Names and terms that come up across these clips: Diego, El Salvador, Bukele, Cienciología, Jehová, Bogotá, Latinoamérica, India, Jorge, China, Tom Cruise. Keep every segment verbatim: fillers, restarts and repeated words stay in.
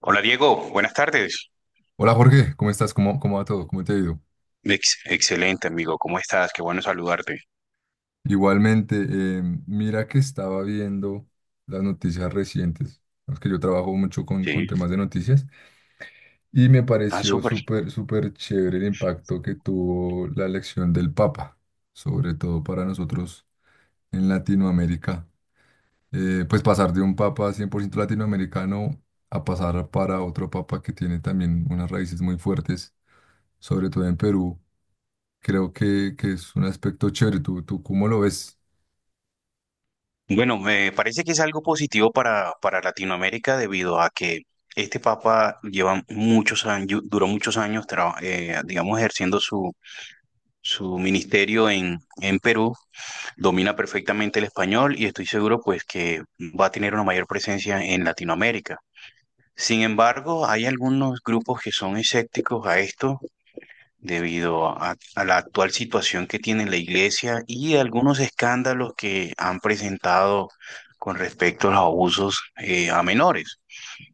Hola Diego, buenas tardes. Hola Jorge, ¿cómo estás? ¿Cómo, cómo va todo? ¿Cómo te ha ido? Ex- excelente amigo, ¿cómo estás? Qué bueno saludarte. Igualmente, eh, mira que estaba viendo las noticias recientes, es que yo trabajo mucho con, con Sí, temas de noticias, y me ah, pareció súper. súper, súper chévere el impacto que tuvo la elección del Papa, sobre todo para nosotros en Latinoamérica. Eh, pues pasar de un Papa cien por ciento latinoamericano a pasar para otro Papa que tiene también unas raíces muy fuertes, sobre todo en Perú. Creo que, que es un aspecto chévere. ¿Tú, tú cómo lo ves? Bueno, me parece que es algo positivo para, para Latinoamérica debido a que este papa lleva muchos años, duró muchos años, tra- eh, digamos, ejerciendo su, su ministerio en, en Perú, domina perfectamente el español y estoy seguro pues que va a tener una mayor presencia en Latinoamérica. Sin embargo, hay algunos grupos que son escépticos a esto debido a, a la actual situación que tiene la iglesia y algunos escándalos que han presentado con respecto a los abusos eh, a menores,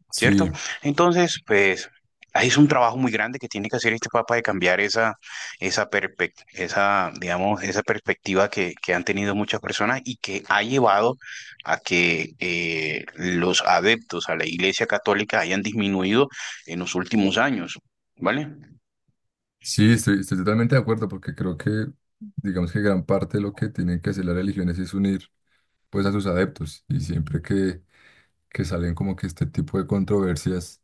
Sí, ¿cierto? Entonces, pues ahí es un trabajo muy grande que tiene que hacer este Papa de cambiar esa, esa, perspect- esa, digamos, esa perspectiva que, que, han tenido muchas personas y que ha llevado a que eh, los adeptos a la Iglesia Católica hayan disminuido en los últimos años, ¿vale? sí, estoy, estoy totalmente de acuerdo porque creo que, digamos que gran parte de lo que tienen que hacer las religiones es unir pues a sus adeptos y siempre que, que salen como que este tipo de controversias,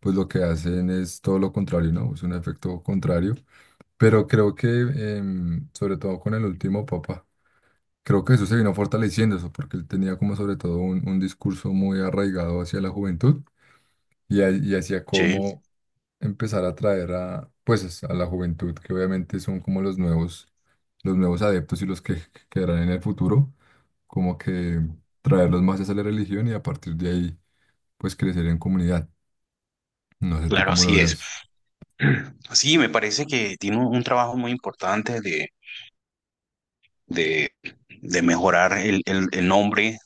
pues lo que hacen es todo lo contrario, ¿no? Es un efecto contrario. Pero creo que, em, sobre todo con el último papa, creo que eso se vino fortaleciendo eso porque él tenía como sobre todo un, un discurso muy arraigado hacia la juventud y, ha- y hacia Sí, cómo empezar a traer a, pues, a la juventud, que obviamente son como los nuevos, los nuevos adeptos y los que quedarán en el futuro, como que traerlos más hacia la religión y a partir de ahí, pues, crecer en comunidad. No sé tú claro, cómo lo así es. veas. Sí, me parece que tiene un un trabajo muy importante de, de, de mejorar el, el, el nombre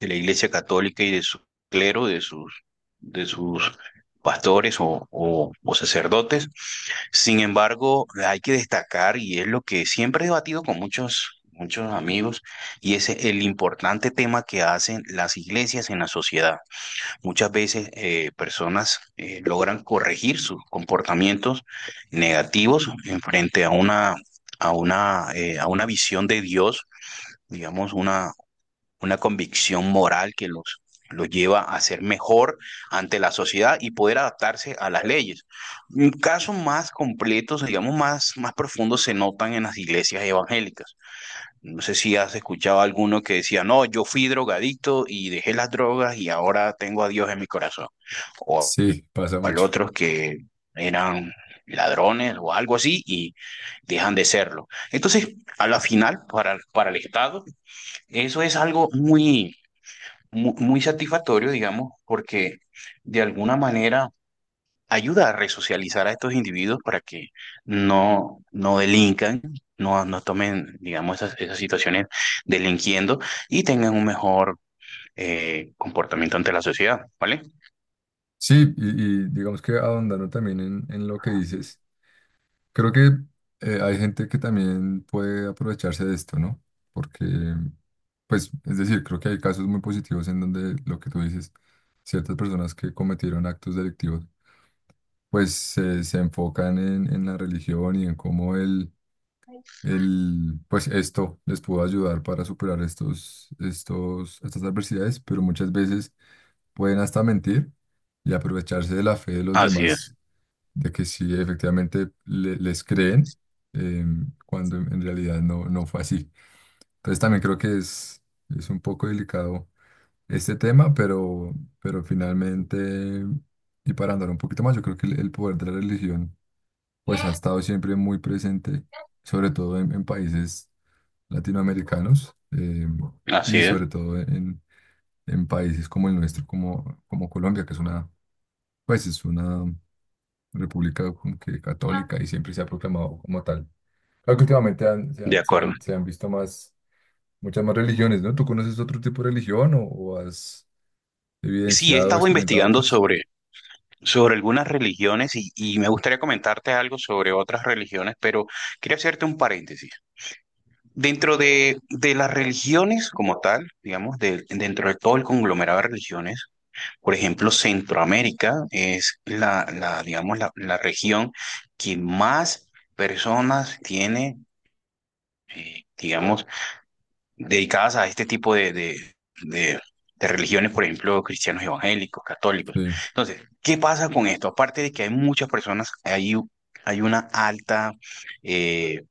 de la Iglesia Católica y de su clero, de sus, de sus pastores o, o, o sacerdotes. Sin embargo, hay que destacar, y es lo que siempre he debatido con muchos, muchos amigos, y es el importante tema que hacen las iglesias en la sociedad. Muchas veces eh, personas eh, logran corregir sus comportamientos negativos en frente a una, a una, eh, a una visión de Dios, digamos, una, una convicción moral que los, los lleva a ser mejor ante la sociedad y poder adaptarse a las leyes. Casos más completos, digamos, más, más profundos se notan en las iglesias evangélicas. No sé si has escuchado a alguno que decía, no, yo fui drogadicto y dejé las drogas y ahora tengo a Dios en mi corazón. O Sí, pasa al mucho. otros que eran ladrones o algo así y dejan de serlo. Entonces, a la final, para, para el Estado, eso es algo muy, muy, muy satisfactorio, digamos, porque de alguna manera ayuda a resocializar a estos individuos para que no, no delincan, no, no tomen, digamos, esas, esas situaciones delinquiendo y tengan un mejor eh, comportamiento ante la sociedad, ¿vale? Sí, y, y digamos que ahondando también en, en lo que dices. Creo que eh, hay gente que también puede aprovecharse de esto, ¿no? Porque, pues, es decir, creo que hay casos muy positivos en donde lo que tú dices, ciertas personas que cometieron actos delictivos, pues se se enfocan en, en la religión y en cómo el, el, pues esto les pudo ayudar para superar estos, estos, estas adversidades, pero muchas veces pueden hasta mentir y aprovecharse de la fe de los Así es, demás de que sí, efectivamente le- les creen, eh, cuando en realidad no, no fue así. Entonces también creo que es, es un poco delicado este tema, pero, pero finalmente, y para andar un poquito más, yo creo que el, el poder de la religión pues ha estado siempre muy presente, sobre todo en, en países latinoamericanos eh, así y es, sobre todo en, en países como el nuestro, como, como Colombia, que es una, pues es una república como que católica y siempre se ha proclamado como tal. Claro que últimamente han- se de han, se acuerdo. han- se han visto más, muchas más religiones, ¿no? ¿Tú conoces otro tipo de religión o, o has Sí, he evidenciado o estado experimentado investigando otras? sobre, sobre algunas religiones y, y me gustaría comentarte algo sobre otras religiones, pero quería hacerte un paréntesis. Dentro de, de las religiones como tal, digamos, de- dentro de todo el conglomerado de religiones, por ejemplo, Centroamérica es la, la digamos, la, la región que más personas tiene, eh, digamos, dedicadas a este tipo de, de, de, de religiones, por ejemplo, cristianos evangélicos, católicos. Sí, Entonces, ¿qué pasa con esto? Aparte de que hay muchas personas, hay, u- hay una alta, eh,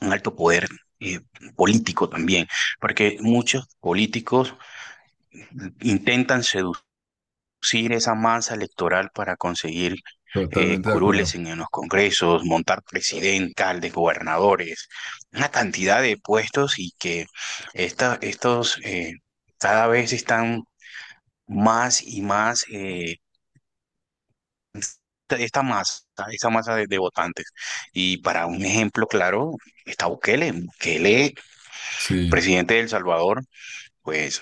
un alto poder eh, político también, porque muchos políticos intentan seducir producir esa masa electoral para conseguir eh, totalmente de curules acuerdo. en, en los congresos, montar presidentes, alcaldes, gobernadores, una cantidad de puestos y que esta, estos eh, cada vez están más y más, eh, esta masa, esta masa de, de votantes. Y para un ejemplo claro, está Bukele, Bukele, Sí, presidente de El Salvador, pues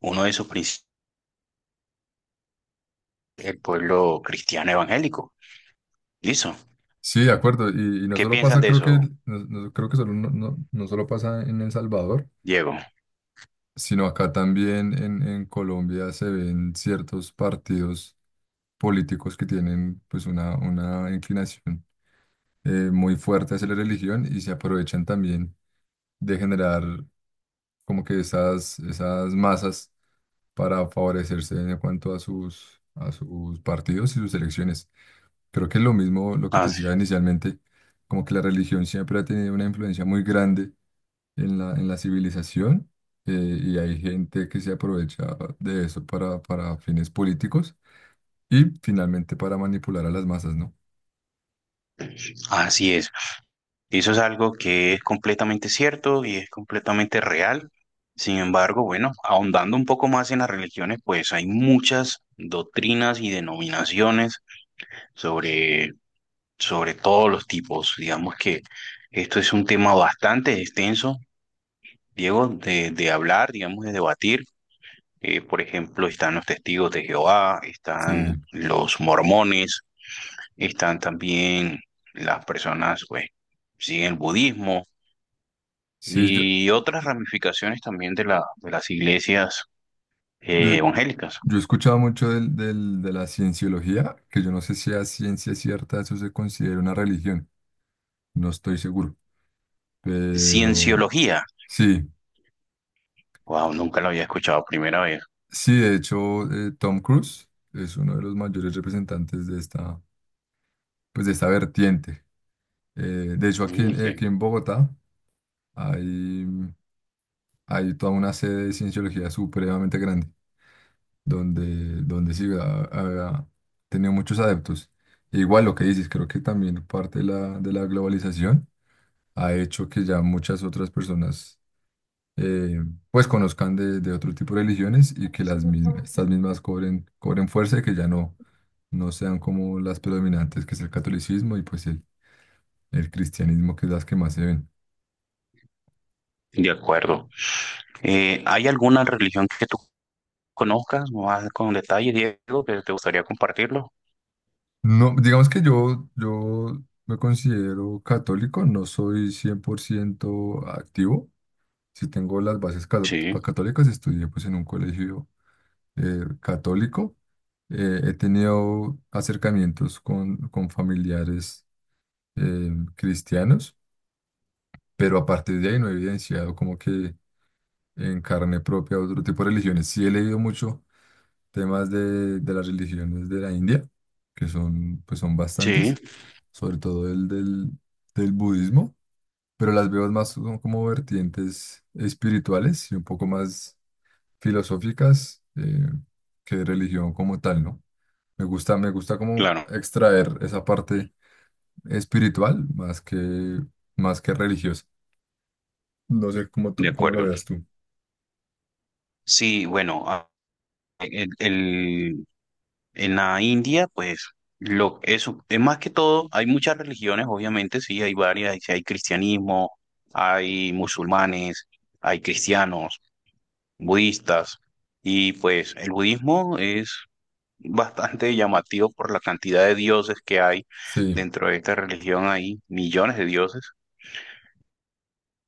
uno de sus principios, el pueblo cristiano evangélico. Listo. sí, de acuerdo. Y, y no ¿Qué solo piensas pasa, de creo que, eso, no, no- creo que solo, no, no- no solo pasa en El Salvador, Diego? sino acá también en, en Colombia se ven ciertos partidos políticos que tienen pues una, una inclinación. Eh, muy fuerte hacia la religión y se aprovechan también de generar como que esas, esas masas para favorecerse en cuanto a sus, a sus partidos y sus elecciones. Creo que es lo mismo lo que te Así, decía inicialmente, como que la religión siempre ha tenido una influencia muy grande en la, en la civilización eh, y hay gente que se aprovecha de eso para, para fines políticos y finalmente para manipular a las masas, ¿no? así es. Eso es algo que es completamente cierto y es completamente real. Sin embargo, bueno, ahondando un poco más en las religiones, pues hay muchas doctrinas y denominaciones sobre, sobre todos los tipos. Digamos que esto es un tema bastante extenso, Diego, de, de hablar, digamos, de debatir. Eh, por ejemplo, están los testigos de Jehová, Sí, están los mormones, están también las personas, pues, siguen el budismo sí, yo, y otras ramificaciones también de, la, de las iglesias eh, yo- evangélicas. yo he escuchado mucho del, del- de la cienciología, que yo no sé si a ciencia cierta eso se considera una religión, no estoy seguro, pero Cienciología. sí, Wow, nunca lo había escuchado, primera vez. sí, de hecho eh, Tom Cruise es uno de los mayores representantes de esta, pues de esta vertiente. Eh, de hecho aquí, Mm, en- aquí ok. en Bogotá hay, hay toda una sede de cienciología supremamente grande, donde, donde sí ha, ha tenido muchos adeptos. E igual lo que dices, creo que también parte de la, de la globalización ha hecho que ya muchas otras personas eh, pues conozcan de, de otro tipo de religiones y que las mismas, estas mismas cobren, cobren fuerza y que ya no, no sean como las predominantes, que es el catolicismo y pues el, el cristianismo, que es las que más se ven. De acuerdo. Eh, ¿hay alguna religión que tú conozcas más con detalle, Diego, que te gustaría compartirlo? No, digamos que yo, yo me considero católico, no soy cien por ciento activo. Si tengo las bases ca- Sí, católicas, estudié pues en un colegio eh, católico. Eh, he tenido acercamientos con, con familiares eh, cristianos, pero a partir de ahí no he evidenciado como que en carne propia otro tipo de religiones. Sí he leído mucho temas de, de las religiones de la India, que son, pues son sí, bastantes, sobre todo el del, del budismo, pero las veo más como como vertientes espirituales y un poco más filosóficas eh, que de religión como tal, ¿no? Me gusta, me gusta como claro, extraer esa parte espiritual más que, más que religiosa. No sé cómo, de tú- cómo lo acuerdo. veas tú. Sí, bueno, a- el, el- en la India, pues, lo, eso, es más que todo, hay muchas religiones, obviamente, sí, hay varias, hay, hay cristianismo, hay musulmanes, hay cristianos, budistas, y pues el budismo es bastante llamativo por la cantidad de dioses que hay Sí, dentro de esta religión, hay millones de dioses,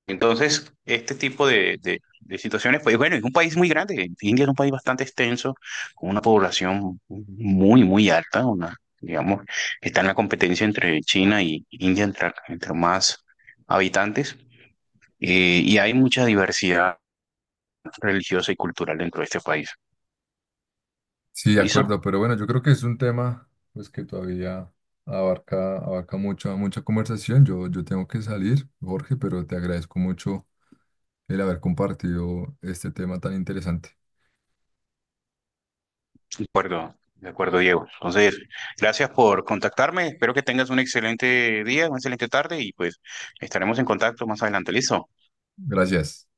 entonces, este tipo de, de- de situaciones, pues bueno, es un país muy grande. India es un país bastante extenso, con una población muy, muy alta. Una, digamos, está en la competencia entre China y India, entre, entre más habitantes. Eh, y hay mucha diversidad religiosa y cultural dentro de este país. sí, de ¿Listo? acuerdo, pero bueno, yo creo que es un tema pues que todavía abarca, abarca mucha, mucha conversación. Yo, yo tengo que salir, Jorge, pero te agradezco mucho el haber compartido este tema tan interesante. De acuerdo, de acuerdo, Diego. Entonces, gracias por contactarme. Espero que tengas un excelente día, una excelente tarde y pues estaremos en contacto más adelante. ¿Listo? Gracias.